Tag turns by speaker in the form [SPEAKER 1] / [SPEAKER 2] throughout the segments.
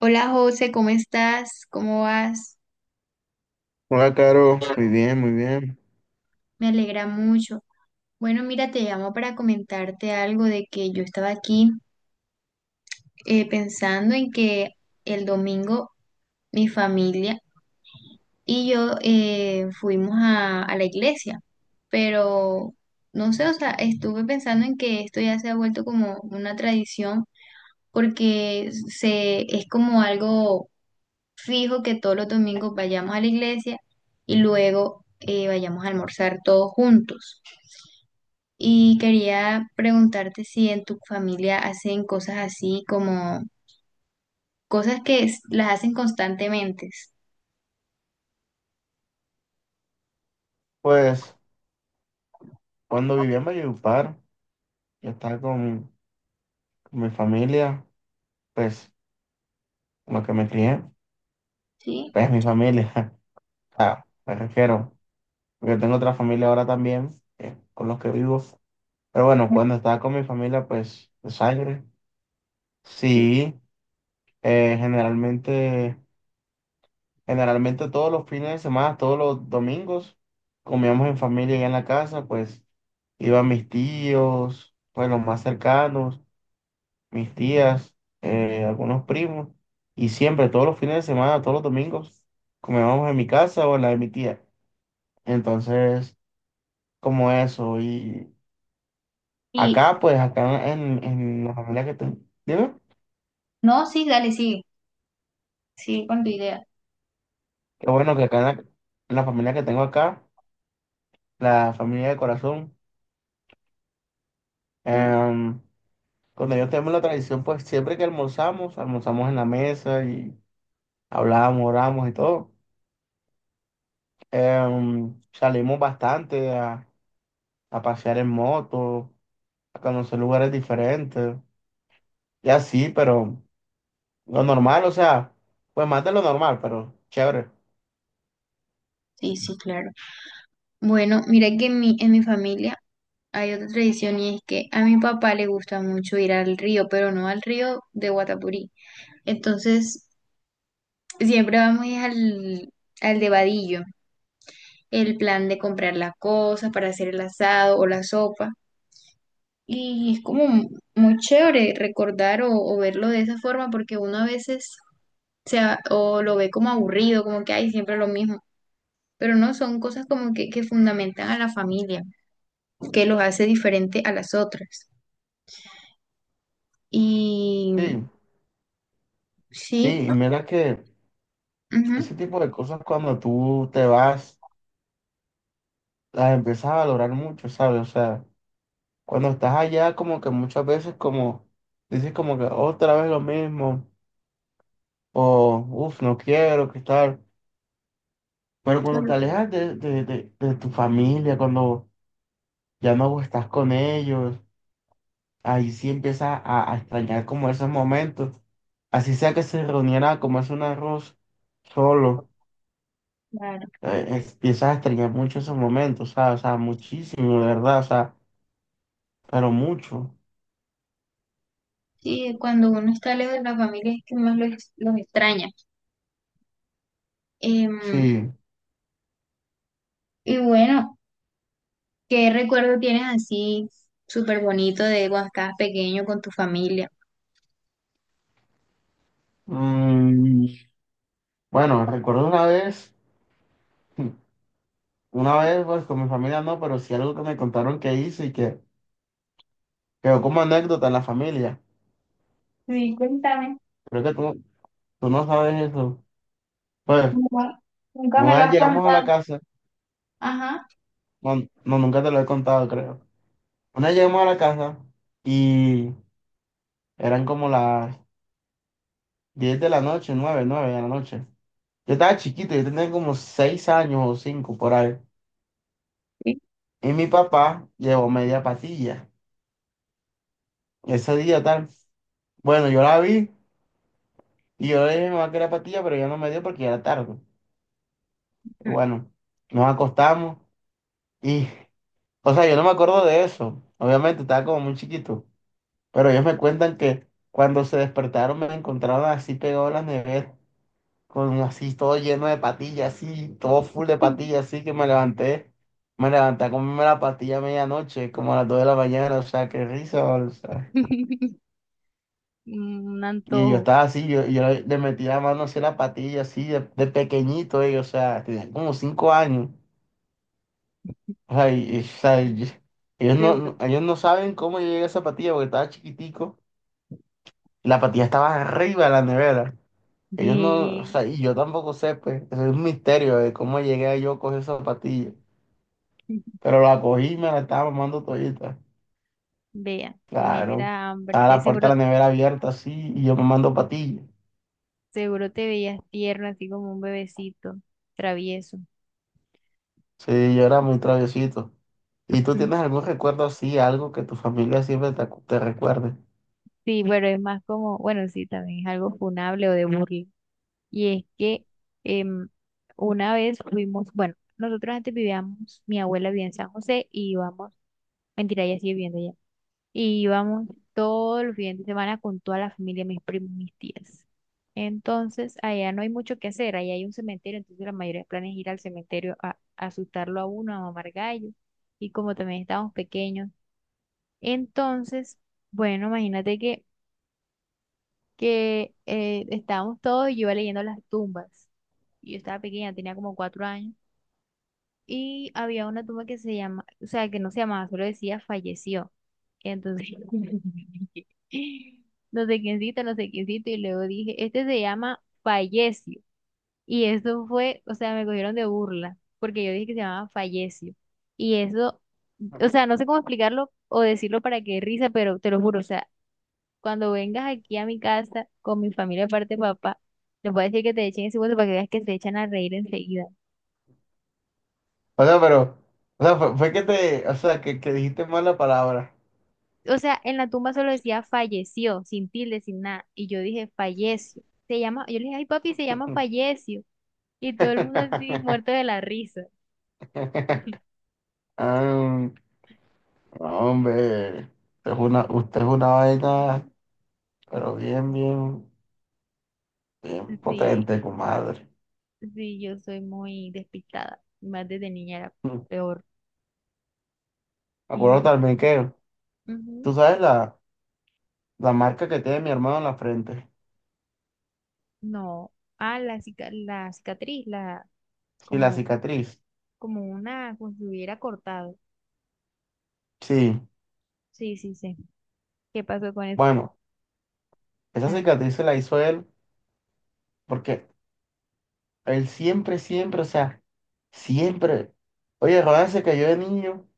[SPEAKER 1] Hola José, ¿cómo estás? ¿Cómo vas?
[SPEAKER 2] Hola, Caro. Muy bien, muy bien.
[SPEAKER 1] Me alegra mucho. Bueno, mira, te llamo para comentarte algo de que yo estaba aquí pensando en que el domingo mi familia y yo fuimos a la iglesia, pero no sé, o sea, estuve pensando en que esto ya se ha vuelto como una tradición porque es como algo fijo que todos los domingos vayamos a la iglesia y luego vayamos a almorzar todos juntos. Y quería preguntarte si en tu familia hacen cosas así como cosas que las hacen constantemente.
[SPEAKER 2] Pues cuando vivía en Valledupar, yo estaba con mi familia, pues con la que me crié,
[SPEAKER 1] ¿Sí?
[SPEAKER 2] pues mi familia, ah, me refiero, porque tengo otra familia ahora también, con los que vivo. Pero bueno, cuando estaba con mi familia, pues de sangre, sí, eh, generalmente, generalmente todos los fines de semana, todos los domingos, comíamos en familia y en la casa, pues iban mis tíos, pues los más cercanos, mis tías, algunos primos, y siempre, todos los fines de semana, todos los domingos, comíamos en mi casa o en la de mi tía. Entonces, como eso, y
[SPEAKER 1] Y
[SPEAKER 2] acá, pues, acá en la familia que tengo, dime,
[SPEAKER 1] no, sí, dale, sigue, sigue con tu idea.
[SPEAKER 2] qué bueno que acá en la familia que tengo acá, la familia de corazón,
[SPEAKER 1] Sí,
[SPEAKER 2] em, cuando yo tengo la tradición, pues, siempre que almorzamos, almorzamos en la mesa y hablábamos, oramos y todo. Salimos bastante a pasear en moto, a conocer lugares diferentes y así, pero lo normal, o sea, pues más de lo normal, pero chévere.
[SPEAKER 1] sí, sí, claro. Bueno, mira que en mi familia hay otra tradición y es que a mi papá le gusta mucho ir al río, pero no al río de Guatapurí. Entonces, siempre vamos es al de vadillo, el plan de comprar las cosas para hacer el asado o la sopa. Y es como muy chévere recordar o verlo de esa forma porque uno a veces o lo ve como aburrido, como que hay siempre lo mismo. Pero no, son cosas como que fundamentan a la familia, que los hace diferente a las otras. Y
[SPEAKER 2] Sí,
[SPEAKER 1] sí,
[SPEAKER 2] sí, y mira que
[SPEAKER 1] ujú,
[SPEAKER 2] ese tipo de cosas cuando tú te vas, las empiezas a valorar mucho, ¿sabes? O sea, cuando estás allá como que muchas veces como dices como que otra vez lo mismo, o uff, no quiero, qué tal. Pero cuando te alejas de tu familia, cuando ya no estás con ellos, ahí sí empieza a extrañar como esos momentos. Así sea que se reuniera a comerse un arroz solo,
[SPEAKER 1] claro.
[SPEAKER 2] empiezas a extrañar mucho esos momentos, ¿sabes? O sea, muchísimo, de verdad, o sea, pero mucho,
[SPEAKER 1] Sí, cuando uno está lejos de la familia es que más los extraña. Em,
[SPEAKER 2] sí.
[SPEAKER 1] y bueno. ¿Qué recuerdo tienes así súper bonito de cuando estabas pequeño con tu familia?
[SPEAKER 2] Mm, bueno, recuerdo una vez, una vez, pues con mi familia no, pero sí algo que me contaron que hice y que quedó como anécdota en la familia.
[SPEAKER 1] Sí, cuéntame.
[SPEAKER 2] Creo que tú no sabes eso. Pues,
[SPEAKER 1] Nunca, nunca me
[SPEAKER 2] una
[SPEAKER 1] lo
[SPEAKER 2] vez
[SPEAKER 1] has
[SPEAKER 2] llegamos a la
[SPEAKER 1] contado.
[SPEAKER 2] casa,
[SPEAKER 1] Ajá.
[SPEAKER 2] no, no, nunca te lo he contado, creo. Una vez llegamos a la casa y eran como las 10 de la noche, nueve de la noche. Yo estaba chiquito, yo tenía como 6 años o 5 por ahí.
[SPEAKER 1] Sí.
[SPEAKER 2] Y mi papá llevó media patilla. Ese día tal. Bueno, yo la vi y yo le dije a mi mamá que era patilla, pero ya no me dio porque ya era tarde. Y
[SPEAKER 1] Mm.
[SPEAKER 2] bueno, nos acostamos y, o sea, yo no me acuerdo de eso. Obviamente estaba como muy chiquito, pero ellos me cuentan que cuando se despertaron me encontraron así pegado a la nevera, con así todo lleno de patillas, así, todo full de patillas, así que me levanté, a comerme la pastilla a medianoche, como a las 2 de la mañana, o sea, qué risa, o sea.
[SPEAKER 1] Un
[SPEAKER 2] Y yo
[SPEAKER 1] antojo,
[SPEAKER 2] estaba así, yo le metí la mano así a la patilla, así, de pequeñito, ellos, o sea, tenía como 5 años, o sea, ellos
[SPEAKER 1] seguro.
[SPEAKER 2] ellos no saben cómo yo llegué a esa patilla, porque estaba chiquitico, y la patilla estaba arriba de la nevera. Ellos no, o
[SPEAKER 1] Ve,
[SPEAKER 2] sea, y yo tampoco sé, pues, es un misterio de cómo llegué yo a coger esa patilla. Pero la cogí y me la estaba mamando todita.
[SPEAKER 1] vea, tenías
[SPEAKER 2] Claro.
[SPEAKER 1] era hambre,
[SPEAKER 2] Estaba la puerta
[SPEAKER 1] seguro,
[SPEAKER 2] de la nevera abierta así y yo mamando patillas.
[SPEAKER 1] seguro te veías tierno, así como un bebecito, travieso.
[SPEAKER 2] Sí, yo era muy traviesito. ¿Y tú
[SPEAKER 1] Mm.
[SPEAKER 2] tienes algún recuerdo así, algo que tu familia siempre te recuerde?
[SPEAKER 1] Sí, pero es más como, bueno, sí, también es algo funable o de burla. Y es que em, una vez fuimos, bueno, nosotros antes vivíamos, mi abuela vivía en San José y íbamos, mentira, ella sigue viviendo allá, y íbamos todos los fines de semana con toda la familia, mis primos, mis tías. Entonces, allá no hay mucho que hacer, allá hay un cementerio, entonces la mayoría de planes es ir al cementerio a asustarlo a uno, a mamar gallo, y como también estábamos pequeños. Entonces, bueno, imagínate que estábamos todos y yo iba leyendo las tumbas, yo estaba pequeña, tenía como 4 años. Y había una tumba que se llama, o sea, que no se llamaba, solo decía falleció. Entonces, no sé quiéncito, no sé quiéncito, y luego dije, este se llama Fallecio. Y eso fue, o sea, me cogieron de burla, porque yo dije que se llamaba Fallecio. Y eso, o sea, no sé cómo explicarlo o decirlo para que dé risa, pero te lo juro, o sea, cuando vengas aquí a mi casa con mi familia, aparte de papá, les voy a decir que te echen ese hueso para que veas que se echan a reír enseguida.
[SPEAKER 2] O sea, pero, o sea, fue que te, o sea, que dijiste mal la palabra.
[SPEAKER 1] O sea, en la tumba solo decía falleció, sin tilde, sin nada. Y yo dije, falleció. Se llama, yo le dije, ay papi, se llama falleció. Y todo el mundo así muerto de la risa.
[SPEAKER 2] Ah, hombre, usted
[SPEAKER 1] Y
[SPEAKER 2] es
[SPEAKER 1] ya,
[SPEAKER 2] una, usted es una vaina, pero bien, bien, bien
[SPEAKER 1] sí,
[SPEAKER 2] potente, comadre.
[SPEAKER 1] sí, yo soy muy despistada. Más desde niña era
[SPEAKER 2] Me
[SPEAKER 1] peor.
[SPEAKER 2] acuerdo
[SPEAKER 1] Y
[SPEAKER 2] también que,
[SPEAKER 1] ujú,
[SPEAKER 2] tú sabes la... La marca que tiene mi hermano en la frente.
[SPEAKER 1] no. Ah, la, la cicatriz, la,
[SPEAKER 2] Y la
[SPEAKER 1] como,
[SPEAKER 2] cicatriz.
[SPEAKER 1] como una, como si hubiera cortado.
[SPEAKER 2] Sí.
[SPEAKER 1] Sí, sí, sí. ¿Qué pasó con eso?
[SPEAKER 2] Bueno, esa
[SPEAKER 1] Ajá,
[SPEAKER 2] cicatriz se la hizo él porque él siempre, siempre, o sea, siempre. Oye, Ronald se cayó de niño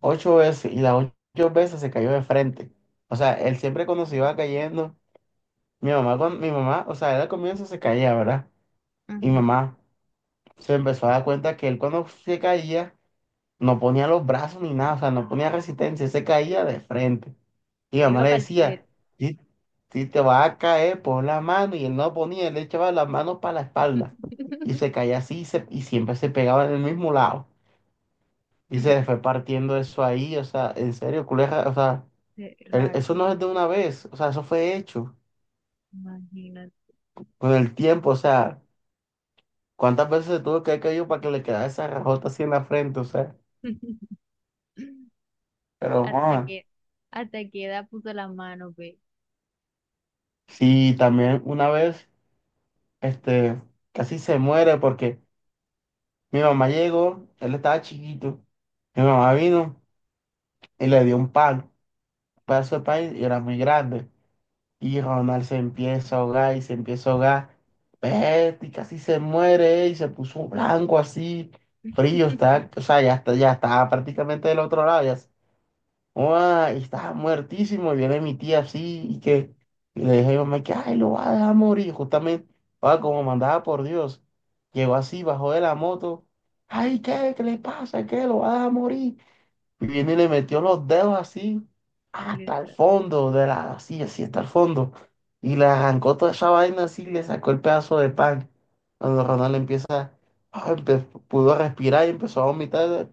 [SPEAKER 2] 8 veces y las 8 veces se cayó de frente. O sea, él siempre cuando se iba cayendo, mi mamá, mi mamá, o sea, él al comienzo se caía, ¿verdad? Y mi
[SPEAKER 1] ajá.
[SPEAKER 2] mamá se empezó a dar cuenta que él cuando se caía no ponía los brazos ni nada, o sea, no ponía resistencia, se caía de frente. Y mi
[SPEAKER 1] Yo
[SPEAKER 2] mamá
[SPEAKER 1] iba
[SPEAKER 2] le
[SPEAKER 1] para el suelo.
[SPEAKER 2] decía, si, si te vas a caer, pon la mano. Y él no ponía, él le echaba las manos para la espalda. Y se caía así y, y siempre se pegaba en el mismo lado. Y se le fue partiendo eso ahí. O sea, en serio, culeja. O sea,
[SPEAKER 1] Sí, raro.
[SPEAKER 2] eso no es de una vez. O sea, eso fue hecho
[SPEAKER 1] Imagínate.
[SPEAKER 2] con el tiempo. O sea, ¿cuántas veces se tuvo que haber caído para que le quedara esa rajota así en la frente? O sea, pero,
[SPEAKER 1] Hasta
[SPEAKER 2] joder,
[SPEAKER 1] que, hasta que edad puso la mano, ve.
[SPEAKER 2] sí, también una vez, este, casi se muere porque mi mamá llegó, él estaba chiquito. Mi mamá vino y le dio un pan, un pedazo de pan, y era muy grande. Y Ronald se empieza a ahogar y se empieza a ahogar. Vete, y casi se muere, y se puso blanco así, frío, está, o sea, ya está, ya estaba prácticamente del otro lado, ya. Oa, y estaba muertísimo. Y viene mi tía así y que, y le dije a mi mamá que, ay, lo va a dejar morir. Justamente, oa, como mandaba por Dios, llegó así, bajó de la moto. Ay, ¿qué? ¿Qué le pasa? ¿Qué? ¿Lo va a dejar morir? Y viene y le metió los dedos así hasta el
[SPEAKER 1] Lisa.
[SPEAKER 2] fondo de la, así, así hasta el fondo. Y le arrancó toda esa vaina así y le sacó el pedazo de pan. Cuando Ronald empieza, ah, empe- pudo respirar y empezó a vomitar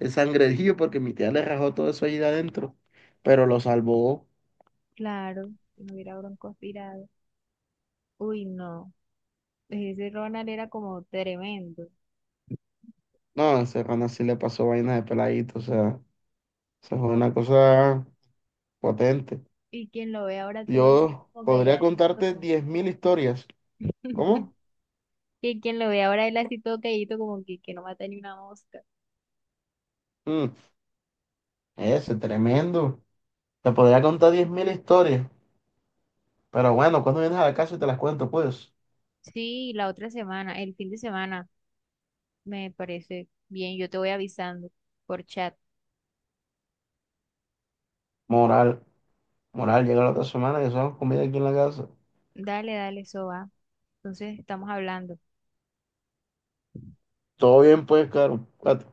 [SPEAKER 2] el sangrejío porque mi tía le rajó todo eso ahí de adentro. Pero lo salvó.
[SPEAKER 1] Claro, si no hubiera broncoaspirado. Uy, no. Ese Ronald era como tremendo.
[SPEAKER 2] No, ese Ronald sí le pasó vaina de peladito. O sea, eso fue una cosa potente.
[SPEAKER 1] Y quien lo ve ahora todo así
[SPEAKER 2] Yo
[SPEAKER 1] como
[SPEAKER 2] podría
[SPEAKER 1] calladito,
[SPEAKER 2] contarte
[SPEAKER 1] como...
[SPEAKER 2] 10.000 historias. ¿Cómo?
[SPEAKER 1] Y quien lo ve ahora él así todo calladito, como que no mata ni una mosca.
[SPEAKER 2] Mm, ese, tremendo. Te podría contar 10.000 historias, pero
[SPEAKER 1] Y
[SPEAKER 2] bueno, cuando vienes a la casa y te las cuento, pues.
[SPEAKER 1] sí, la otra semana, el fin de semana, me parece bien. Yo te voy avisando por chat.
[SPEAKER 2] Moral, moral, llega la otra semana que hacemos comida aquí en la casa.
[SPEAKER 1] Dale, dale, eso va. Entonces estamos hablando.
[SPEAKER 2] Todo bien, pues, Caro. Cuídate.